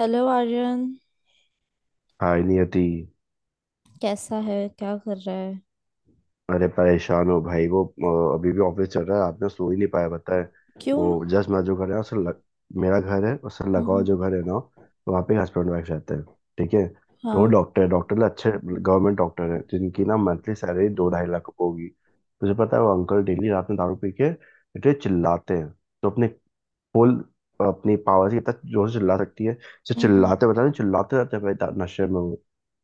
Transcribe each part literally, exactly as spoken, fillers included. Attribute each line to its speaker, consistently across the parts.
Speaker 1: Hello Aryan.
Speaker 2: Hi Niyati.
Speaker 1: कैसा है? क्या कर रहा है?
Speaker 2: अरे परेशान हो भाई। वो अ, अभी भी ऑफिस चल रहा है, रात में सो ही नहीं पाया, पता है। वो
Speaker 1: क्यों?
Speaker 2: जस्ट मैं जो घर है उससे लग, मेरा घर है उससे लगा हुआ
Speaker 1: हम्म।
Speaker 2: जो घर है ना, वहाँ पे हस्बैंड वाइफ रहते हैं, ठीक है। तो
Speaker 1: हाँ।
Speaker 2: डॉक्टर है, डॉक्टर ना, अच्छे गवर्नमेंट डॉक्टर हैं, जिनकी ना मंथली सैलरी दो ढाई लाख होगी। तुझे पता है वो अंकल डेली रात में दारू पी के इतने चिल्लाते हैं। तो अपने फुल अपनी पावर से इतना जोर से चिल्ला सकती है। तो
Speaker 1: हम्म।
Speaker 2: चिल्लाते, बता नहीं, चिल्लाते रहते हैं भाई, दा- नशे में वो।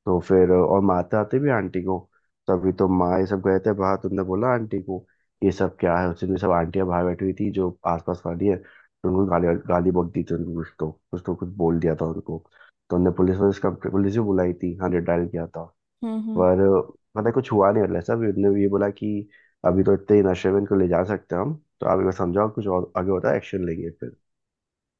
Speaker 2: तो फिर अ, और मारते आते भी आंटी को। तो अभी तो माँ ये सब गए थे बाहर, तुमने बोला आंटी को, ये सब क्या है। उस दिन सब आंटियां बाहर बैठी हुई थी जो आसपास वाली है, तो उनको गाली गाली बक दी थी, उनको कुछ तो कुछ तो कुछ बोल दिया था उनको। तो उनने पुलिस पुलिस का पुलिस भी बुलाई थी, हाँ डायल किया था।
Speaker 1: हम्म।
Speaker 2: पर पता है कुछ हुआ नहीं। मतलब सब उन्होंने ये बोला कि अभी तो इतने ही नशे में इनको ले जा सकते हैं हम, तो आप एक बार समझाओ, कुछ और आगे होता है एक्शन लेंगे फिर।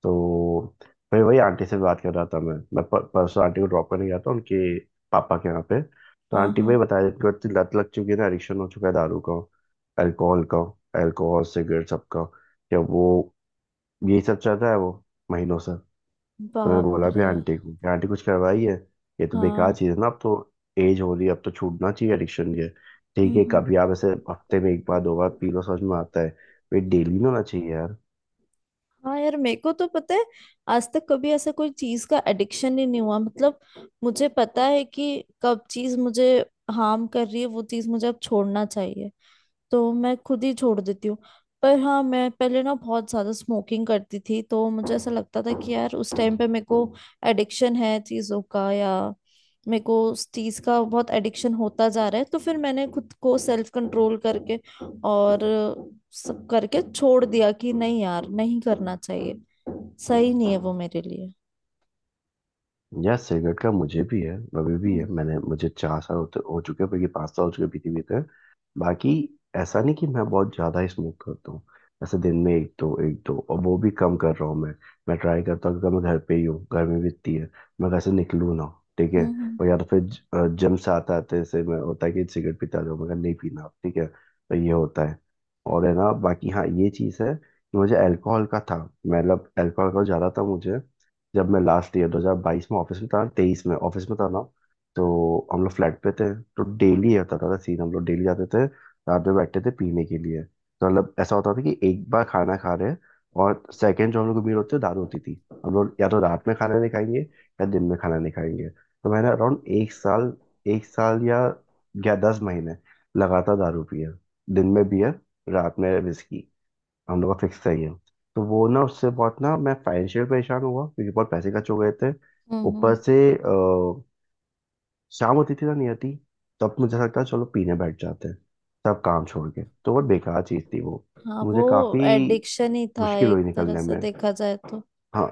Speaker 2: तो मैं वही आंटी से बात कर रहा था। मैं मैं पर, परसों आंटी को ड्रॉप करने गया था उनके पापा के यहाँ पे। तो
Speaker 1: हाँ।
Speaker 2: आंटी वही
Speaker 1: हाँ।
Speaker 2: बताया, इनको इतनी लत लग चुकी है ना, एडिक्शन हो चुका है, दारू का, अल्कोहल का। अल्कोहल, सिगरेट, सबका क्या वो, यही सब चल रहा है वो महीनों से। तो मैंने
Speaker 1: बाप
Speaker 2: बोला भी
Speaker 1: रे।
Speaker 2: आंटी को कि आंटी कुछ करवाई है, ये तो बेकार
Speaker 1: हाँ।
Speaker 2: चीज़ है ना अब तो, एज हो रही है, अब तो छूटना चाहिए एडिक्शन ये। ठीक है,
Speaker 1: हम्म।
Speaker 2: कभी आप ऐसे हफ्ते में एक बार, दो बार पी लो समझ में आता है, ये डेली नहीं होना चाहिए यार।
Speaker 1: हाँ यार, मेरे को तो पता है। आज तक कभी ऐसा कोई चीज का एडिक्शन ही नहीं हुआ, मतलब। मुझे पता है कि कब चीज मुझे हार्म कर रही है, वो चीज मुझे अब छोड़ना चाहिए, तो मैं खुद ही छोड़ देती हूँ। पर हाँ, मैं पहले ना बहुत ज्यादा स्मोकिंग करती थी, तो मुझे ऐसा लगता था कि यार उस टाइम पे मेरे को एडिक्शन है चीजों का, या मेरे को उस चीज का बहुत एडिक्शन होता जा रहा है। तो फिर मैंने खुद को सेल्फ कंट्रोल करके और सब करके छोड़ दिया कि नहीं यार, नहीं करना चाहिए। सही नहीं है वो मेरे लिए।
Speaker 2: यार सिगरेट का मुझे भी है, अभी भी है।
Speaker 1: हम्म।
Speaker 2: मैंने मुझे चार साल होते हो चुके हैं, बल्कि पाँच साल हो चुके पीते पीते। बाकी ऐसा नहीं कि मैं बहुत ज्यादा ही स्मोक करता हूँ, ऐसे दिन में एक दो, एक दो, और वो भी कम कर रहा हूँ मैं। मैं ट्राई करता हूँ, क्योंकि मैं घर पे ही हूँ, गर्मी भी इतनी है, मैं घर से निकलूँ ना, ठीक है।
Speaker 1: हम्म।
Speaker 2: और या तो फिर जिम से आते आते से मैं होता है कि सिगरेट पीता जाऊँ, मैं नहीं पीना अब, ठीक है, तो ये होता है। और है ना बाकी, हाँ, ये चीज़ है कि मुझे अल्कोहल का था, मतलब अल्कोहल का ज़्यादा था मुझे। जब मैं लास्ट ईयर दो हज़ार बाईस में ऑफिस में था, तेईस में ऑफिस में था ना, तो हम लोग फ्लैट पे थे। तो डेली होता था सीन, हम लोग डेली जाते थे रात में, बैठते थे पीने के लिए। तो मतलब ऐसा होता था कि एक बार खाना खा रहे हैं और सेकंड जो हम लोग को मील होती है, दाल होती थी। हम लोग या तो रात में खाना नहीं खाएंगे या दिन में खाना नहीं खाएंगे। तो मैंने अराउंड एक साल एक साल या या दस महीने लगातार दारू पी है। दिन में बियर, रात में विस्की, हम लोग का फिक्स चाहिए। तो वो ना उससे बहुत ना, मैं फाइनेंशियल परेशान हुआ क्योंकि बहुत पैसे खर्च हो गए थे।
Speaker 1: हम्म।
Speaker 2: ऊपर
Speaker 1: हम्म,
Speaker 2: से अ, शाम होती थी ना नहीं आती, तब मुझे लगता है चलो पीने बैठ जाते हैं, तब काम छोड़ के। तो बहुत बेकार चीज़ थी वो।
Speaker 1: हाँ, वो
Speaker 2: मुझे काफ़ी
Speaker 1: एडिक्शन ही था
Speaker 2: मुश्किल
Speaker 1: एक
Speaker 2: हुई
Speaker 1: तरह
Speaker 2: निकलने
Speaker 1: से
Speaker 2: में।
Speaker 1: देखा जाए तो।
Speaker 2: हाँ।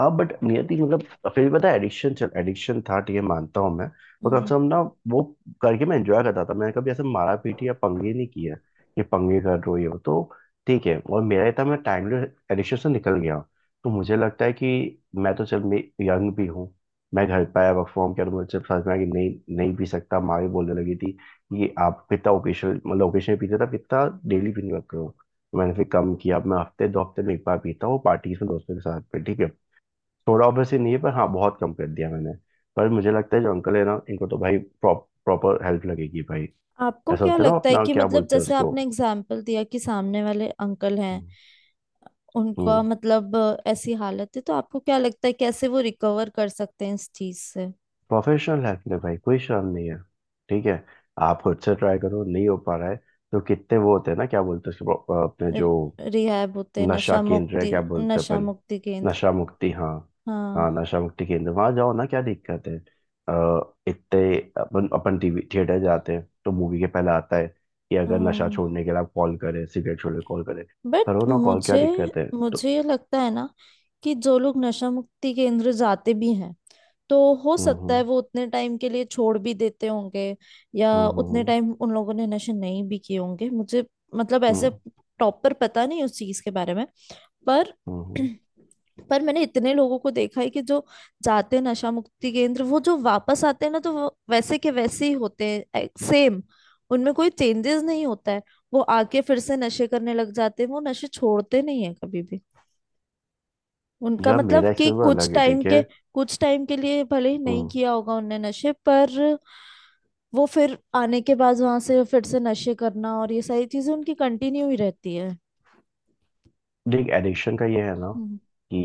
Speaker 2: अब बट नियति मतलब फिर भी पता है, एडिक्शन चल एडिक्शन था, ठीक है, मानता हूँ, मैं तो
Speaker 1: हम्म।
Speaker 2: कम
Speaker 1: हम्म।
Speaker 2: से कम ना वो करके मैं एंजॉय करता था। मैंने कभी ऐसे मारा पीटी या पंगे नहीं किया कि पंगे कर रहे हो ये वो। तो ठीक है। और मेरा इतना, मैं टाइमलेस एडिक्शन से निकल गया हूँ। तो मुझे लगता है कि मैं तो चल, मैं यंग भी हूँ, मैं घर पे आया, वर्क फ्रॉम किया, तो मुझे समझ में आया कि नहीं, नहीं पी सकता। माँ भी बोलने लगी थी कि आप कितना ओकेशन, मतलब ओकेशन पीते थे, आप कितना डेली पीने लग रहे हो। मैंने फिर कम किया। अब मैं हफ्ते दो हफ्ते में एक बार पीता हूँ, पार्टीज में दोस्तों के साथ पे, ठीक है। थोड़ा ऑब्वियसली नहीं है, पर हाँ बहुत कम कर दिया मैंने। पर मुझे लगता है जो अंकल है ना, इनको तो भाई प्रॉपर हेल्प लगेगी भाई।
Speaker 1: आपको
Speaker 2: ऐसा
Speaker 1: क्या
Speaker 2: होता है ना,
Speaker 1: लगता है
Speaker 2: अपना
Speaker 1: कि
Speaker 2: क्या
Speaker 1: मतलब
Speaker 2: बोलते हैं
Speaker 1: जैसे
Speaker 2: उसको।
Speaker 1: आपने एग्जाम्पल दिया कि सामने वाले अंकल हैं,
Speaker 2: हम्म।
Speaker 1: उनका मतलब अ, ऐसी हालत है, तो आपको क्या लगता है कैसे वो रिकवर कर सकते हैं इस चीज से?
Speaker 2: प्रोफेशनल हेल्प ले भाई, कोई शर्म नहीं है, ठीक है। आप खुद से ट्राई करो, नहीं हो पा रहा है, तो कितने वो होते हैं ना, क्या बोलते हैं उसको अपने, जो
Speaker 1: रिहैब होते।
Speaker 2: नशा
Speaker 1: नशा
Speaker 2: केंद्र है,
Speaker 1: मुक्ति।
Speaker 2: क्या बोलते हैं
Speaker 1: नशा
Speaker 2: अपन।
Speaker 1: मुक्ति केंद्र।
Speaker 2: नशा मुक्ति, हाँ। हाँ
Speaker 1: हाँ।
Speaker 2: नशा मुक्ति केंद्र वहां जाओ ना, क्या दिक्कत है? अ, इतने अपन अपन टीवी थिएटर जाते हैं तो मूवी के पहले आता है कि अगर नशा
Speaker 1: हम्म।
Speaker 2: छोड़ने के लिए आप कॉल करें, सिगरेट छोड़ने कॉल करें। करो
Speaker 1: बट
Speaker 2: ना कॉल, क्या
Speaker 1: मुझे
Speaker 2: दिक्कत है? तो
Speaker 1: मुझे ये लगता है ना कि जो लोग नशा मुक्ति केंद्र जाते भी हैं, तो हो
Speaker 2: हम्म,
Speaker 1: सकता है
Speaker 2: हम्म,
Speaker 1: वो उतने टाइम के लिए छोड़ भी देते होंगे, या
Speaker 2: हम्म,
Speaker 1: उतने
Speaker 2: हम्म,
Speaker 1: टाइम उन लोगों ने नशे नहीं भी किए होंगे, मुझे मतलब ऐसे
Speaker 2: हम्म,
Speaker 1: प्रॉपर पता नहीं उस चीज के बारे में। पर
Speaker 2: हम्म, हम्म।
Speaker 1: पर मैंने इतने लोगों को देखा है कि जो जाते हैं नशा मुक्ति केंद्र, वो जो वापस आते हैं ना, तो वो वैसे के वैसे ही होते हैं। सेम। उनमें कोई चेंजेस नहीं होता है। वो आके फिर से नशे करने लग जाते हैं, वो नशे छोड़ते नहीं है कभी भी। उनका
Speaker 2: यार
Speaker 1: मतलब
Speaker 2: मेरा
Speaker 1: कि
Speaker 2: एक्सपीरियंस
Speaker 1: कुछ
Speaker 2: अलग है,
Speaker 1: टाइम
Speaker 2: ठीक
Speaker 1: के
Speaker 2: है।
Speaker 1: कुछ टाइम के लिए भले ही नहीं
Speaker 2: हम्म।
Speaker 1: किया होगा उनने नशे, पर वो फिर आने के बाद वहां से फिर से नशे करना और ये सारी चीजें उनकी कंटिन्यू ही रहती है।
Speaker 2: देख, एडिक्शन का ये है ना
Speaker 1: हम्म।
Speaker 2: कि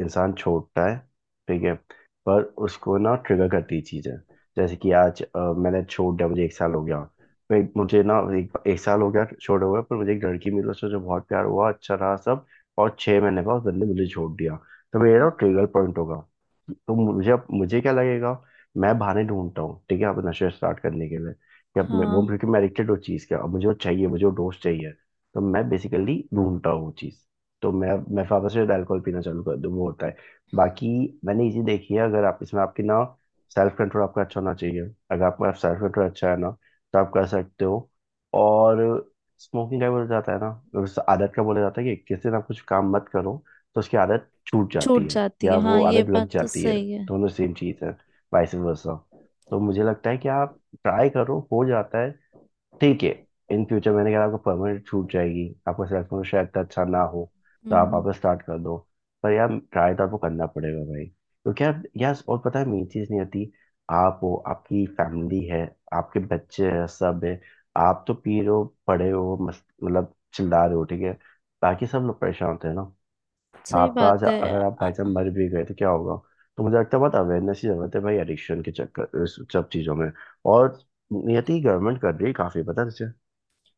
Speaker 2: इंसान छोड़ता है, ठीक है, पर उसको ना ट्रिगर करती चीज़ है। जैसे कि आज अ, मैंने छोड़ दिया, मुझे एक साल हो गया, फिर मुझे ना एक, एक साल हो गया छोड़े हुए, पर मुझे एक लड़की मिली, उससे जो बहुत प्यार हुआ, अच्छा रहा सब। और छह महीने बाद उस बंदे ने मुझे छोड़ दिया, तो मेरा
Speaker 1: हम्म।
Speaker 2: ट्रिगर पॉइंट होगा। तो मुझे अब मुझे क्या लगेगा, मैं बहाने ढूंढता हूँ, ठीक है, अब नशे स्टार्ट करने के लिए कि अब मैं वो,
Speaker 1: हाँ,
Speaker 2: क्योंकि मैं एडिक्टेड उस चीज़ का, अब मुझे वो चाहिए, मुझे वो डोज चाहिए। तो मैं बेसिकली ढूंढता हूँ वो चीज़। तो मैं मैं वापस से अल्कोहल पीना चालू कर दूँ, वो होता है। बाकी मैंने इसी देखी है, अगर आप इसमें आपकी ना सेल्फ कंट्रोल आपका अच्छा होना चाहिए। अगर आपका सेल्फ कंट्रोल अच्छा है ना, तो आप कर सकते हो। और स्मोकिंग का बोला जाता है ना, उस आदत का बोला जाता है कि इक्कीस दिन आप कुछ काम मत करो, तो उसकी आदत छूट
Speaker 1: छूट
Speaker 2: जाती है
Speaker 1: जाती
Speaker 2: या
Speaker 1: है।
Speaker 2: वो
Speaker 1: हाँ, ये
Speaker 2: आदत लग
Speaker 1: बात तो
Speaker 2: जाती है।
Speaker 1: सही है।
Speaker 2: दोनों सेम चीज़ है, वाइस वर्सा। तो मुझे लगता है कि आप ट्राई करो, हो जाता है, ठीक है। इन फ्यूचर मैंने कहा आपको परमानेंट छूट जाएगी आपका सेलेक्शन शायद इतना अच्छा ना हो, तो आप
Speaker 1: हम्म।
Speaker 2: वापस स्टार्ट कर दो। पर यार ट्राई तो आपको करना पड़ेगा भाई, क्योंकि यार, यार, और पता है मेन चीज़ नहीं आती। आप हो, आपकी फैमिली है, आपके बच्चे हैं, सब है। आप तो पी रहे हो, पढ़े हो मस्त, मतलब चिल्ला रहे हो, ठीक है, बाकी सब लोग परेशान होते हैं ना।
Speaker 1: सही
Speaker 2: आप तो आज
Speaker 1: बात है।
Speaker 2: अगर आप
Speaker 1: आ-
Speaker 2: बाई मर भी गए तो क्या होगा। तो मुझे लगता है बहुत अवेयरनेस की जरूरत है भाई, एडिक्शन के चक्कर इस सब चीज़ों में। और नियति, गवर्नमेंट कर रही है काफ़ी पता है,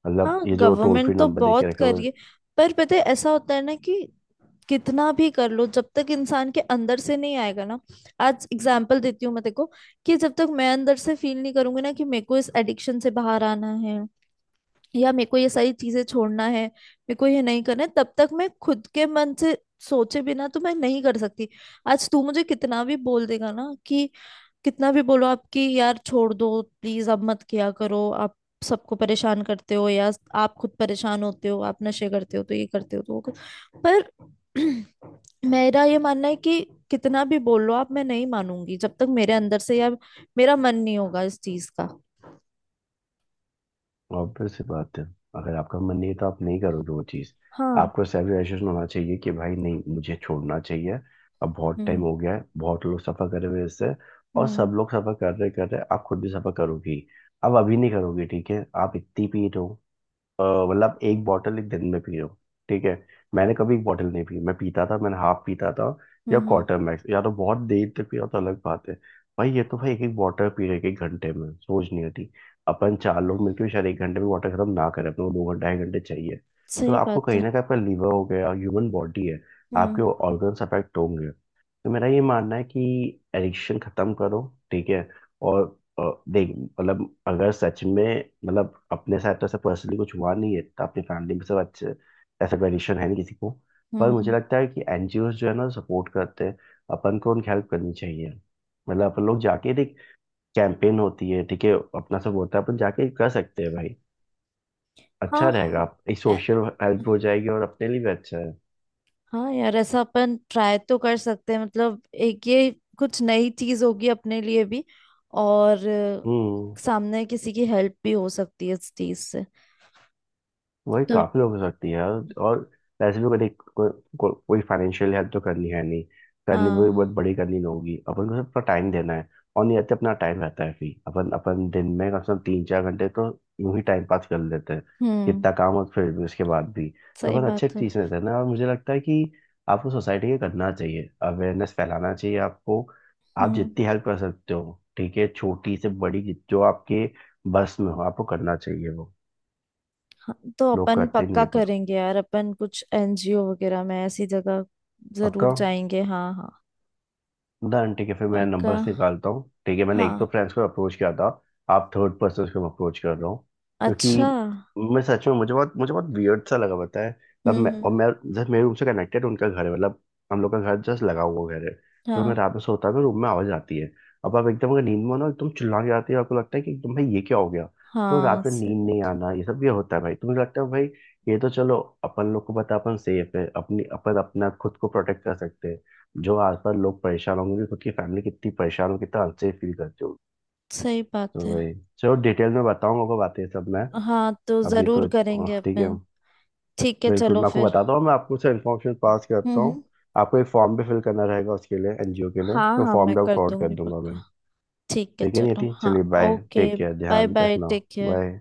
Speaker 2: मतलब
Speaker 1: हाँ,
Speaker 2: ये जो टोल फ्री
Speaker 1: गवर्नमेंट तो
Speaker 2: नंबर दे के
Speaker 1: बहुत
Speaker 2: रखे
Speaker 1: कर
Speaker 2: हुए।
Speaker 1: रही है। पर पता है ऐसा होता है ना कि कितना भी कर लो, जब तक इंसान के अंदर से नहीं आएगा ना। आज एग्जाम्पल देती हूँ मैं, देखो। कि जब तक मैं अंदर से फील नहीं करूंगी ना कि मेरे को इस एडिक्शन से बाहर आना है, या मेरे को ये सारी चीजें छोड़ना है, मेरे को ये नहीं करना है, तब तक मैं खुद के मन से सोचे बिना तो मैं नहीं कर सकती। आज तू मुझे कितना भी बोल देगा ना कि कितना भी बोलो आपकी, यार छोड़ दो प्लीज, अब मत किया करो आप, सबको परेशान करते हो, या आप खुद परेशान होते हो, आप नशे करते हो तो ये करते हो तो वो कर। पर मेरा ये मानना है कि कितना भी बोल लो आप, मैं नहीं मानूंगी जब तक मेरे अंदर से या मेरा मन नहीं होगा इस चीज का।
Speaker 2: ऑब्वियस सी बात है, अगर आपका मन नहीं है तो आप नहीं करोगे वो चीज़।
Speaker 1: हाँ।
Speaker 2: आपको सेल्फ रियलाइजेशन होना चाहिए कि भाई नहीं मुझे छोड़ना चाहिए, अब बहुत टाइम
Speaker 1: हम्म।
Speaker 2: हो गया है, बहुत लोग सफ़र कर रहे हैं इससे। और
Speaker 1: हम्म।
Speaker 2: सब लोग सफ़र कर रहे कर रहे, आप खुद भी सफ़र करोगी, अब अभी नहीं करोगी, ठीक है, आप इतनी पीट हो, अ, मतलब एक बॉटल एक दिन में पी रहे हो, ठीक है, मैंने कभी एक बॉटल नहीं पी। मैं पीता था, मैंने हाफ पीता था,
Speaker 1: हम्म।
Speaker 2: या
Speaker 1: हम्म।
Speaker 2: क्वार्टर मैक्स, या तो बहुत देर तक पिया तो अलग बात है। भाई ये तो भाई, एक एक बॉटल पी रहे एक घंटे में, सोच नहीं होती। अपन चार लोग
Speaker 1: हम्म।
Speaker 2: मिलकर भी शायद एक घंटे में वाटर खत्म ना करें, अपने को दो घंटे ढाई घंटे चाहिए। तो
Speaker 1: सही
Speaker 2: आपको
Speaker 1: बात
Speaker 2: कहीं
Speaker 1: है।
Speaker 2: ना कहीं आपका लीवर हो गया, ह्यूमन बॉडी है,
Speaker 1: हम्म।
Speaker 2: आपके ऑर्गन्स अफेक्ट होंगे। तो मेरा ये मानना है कि एडिक्शन खत्म करो, ठीक है। और और देख मतलब, अगर सच में मतलब अपने साथ तो ऐसा पर्सनली कुछ हुआ नहीं है, तो अपनी फैमिली में सब अच्छे, ऐसा कंडीशन है नहीं किसी को। पर
Speaker 1: हम्म।
Speaker 2: मुझे
Speaker 1: हम्म।
Speaker 2: लगता है कि एनजीओज जो है ना सपोर्ट करते हैं, अपन को उनकी हेल्प करनी चाहिए। मतलब अपन लोग जाके देख, कैंपेन होती है, ठीक है, अपना सब होता है, अपन जाके कर सकते हैं भाई, अच्छा
Speaker 1: हाँ।
Speaker 2: रहेगा।
Speaker 1: हो-
Speaker 2: इस सोशल हेल्प हो जाएगी और अपने लिए भी अच्छा है।
Speaker 1: हाँ यार, ऐसा अपन ट्राई तो कर सकते हैं, मतलब एक ये कुछ नई चीज होगी अपने लिए भी। और
Speaker 2: हम्म।
Speaker 1: अ, सामने किसी की हेल्प भी हो सकती है इस चीज से।
Speaker 2: वही
Speaker 1: तो।
Speaker 2: काफी लोग हो सकती है, और और वैसे भी कभी को, को, कोई फाइनेंशियल हेल्प तो करनी है नहीं, करनी भी
Speaker 1: हाँ।
Speaker 2: बहुत बड़ी करनी होगी, अपन को अपना टाइम देना है। और नहीं रहते अपना टाइम रहता है फ्री, अपन अपन दिन में कम से कम तीन चार घंटे तो यूं ही टाइम पास कर लेते हैं।
Speaker 1: हम्म।
Speaker 2: कितना काम और फिर भी उसके बाद भी, तो
Speaker 1: सही
Speaker 2: अपन अच्छे
Speaker 1: बात है।
Speaker 2: चीज रहते हैं ना। और मुझे लगता है कि आपको सोसाइटी के करना चाहिए, अवेयरनेस फैलाना चाहिए आपको, आप
Speaker 1: हम्म।
Speaker 2: जितनी हेल्प कर सकते हो ठीक है, छोटी से बड़ी, जो आपके बस में हो आपको करना चाहिए वो।
Speaker 1: हाँ, तो
Speaker 2: लोग
Speaker 1: अपन
Speaker 2: करते नहीं
Speaker 1: पक्का
Speaker 2: है पर।
Speaker 1: करेंगे यार, अपन कुछ एनजीओ वगैरह में ऐसी जगह
Speaker 2: पक्का,
Speaker 1: जरूर जाएंगे। हाँ, हाँ,
Speaker 2: डन, ठीक है, फिर मैं
Speaker 1: पक्का।
Speaker 2: नंबर्स निकालता हूँ ठीक है। मैंने एक तो
Speaker 1: हाँ।
Speaker 2: फ्रेंड्स को अप्रोच किया था, आप थर्ड पर्सन को अप्रोच कर रहा हूँ, क्योंकि
Speaker 1: अच्छा। हम्म।
Speaker 2: मैं सच में मुझे बहुत मुझे बहुत वियर्ड सा लगा पता है, तब मैं
Speaker 1: हम्म।
Speaker 2: और मैं, जैसे मेरे रूम से कनेक्टेड उनका घर है, मतलब हम लोग का घर जस्ट लगा हुआ घर है, जो मैं
Speaker 1: हाँ,
Speaker 2: रात में सोता हूँ तो रूम में आवाज आती है। अब आप एकदम अगर नींद में हो ना एकदम चिल्ला के आती है, आपको लगता है कि एकदम भाई ये क्या हो गया, तो
Speaker 1: हाँ,
Speaker 2: रात में
Speaker 1: सही
Speaker 2: नींद नहीं
Speaker 1: बात
Speaker 2: आना ये सब, ये होता है भाई। तो मुझे लगता है भाई ये तो चलो, अपन लोग को पता है, अपन सेफ है, अपनी अपन अपना खुद को प्रोटेक्ट कर सकते हैं। जो आसपास लोग परेशान होंगे कि खुद की फैमिली कितनी परेशान हो कितना अनसेफ फील करते होगी।
Speaker 1: सही
Speaker 2: तो
Speaker 1: बात है।
Speaker 2: वही, चलो डिटेल में बताऊंगा आपको बातें सब मैं।
Speaker 1: हाँ, तो
Speaker 2: अभी
Speaker 1: जरूर
Speaker 2: तो
Speaker 1: करेंगे
Speaker 2: ठीक है।
Speaker 1: अपन। ठीक है,
Speaker 2: बिल्कुल,
Speaker 1: चलो
Speaker 2: मैं आपको
Speaker 1: फिर।
Speaker 2: बताता हूँ, मैं आपको से इन्फॉर्मेशन पास
Speaker 1: हम्म।
Speaker 2: करता
Speaker 1: हम्म।
Speaker 2: हूँ। आपको एक फॉर्म भी फिल करना रहेगा उसके लिए, एनजीओ के लिए
Speaker 1: हाँ,
Speaker 2: तो
Speaker 1: हाँ,
Speaker 2: फॉर्म
Speaker 1: मैं
Speaker 2: भी
Speaker 1: कर
Speaker 2: फॉरवर्ड कर
Speaker 1: दूंगी
Speaker 2: दूंगा मैं।
Speaker 1: पक्का। ठीक है,
Speaker 2: ठीक है, नहीं
Speaker 1: चलो।
Speaker 2: थी,
Speaker 1: हाँ।
Speaker 2: चलिए, bye,
Speaker 1: okay.
Speaker 2: Take care,
Speaker 1: bye,
Speaker 2: ध्यान
Speaker 1: बाय,
Speaker 2: रखना।
Speaker 1: Take care.
Speaker 2: बाय।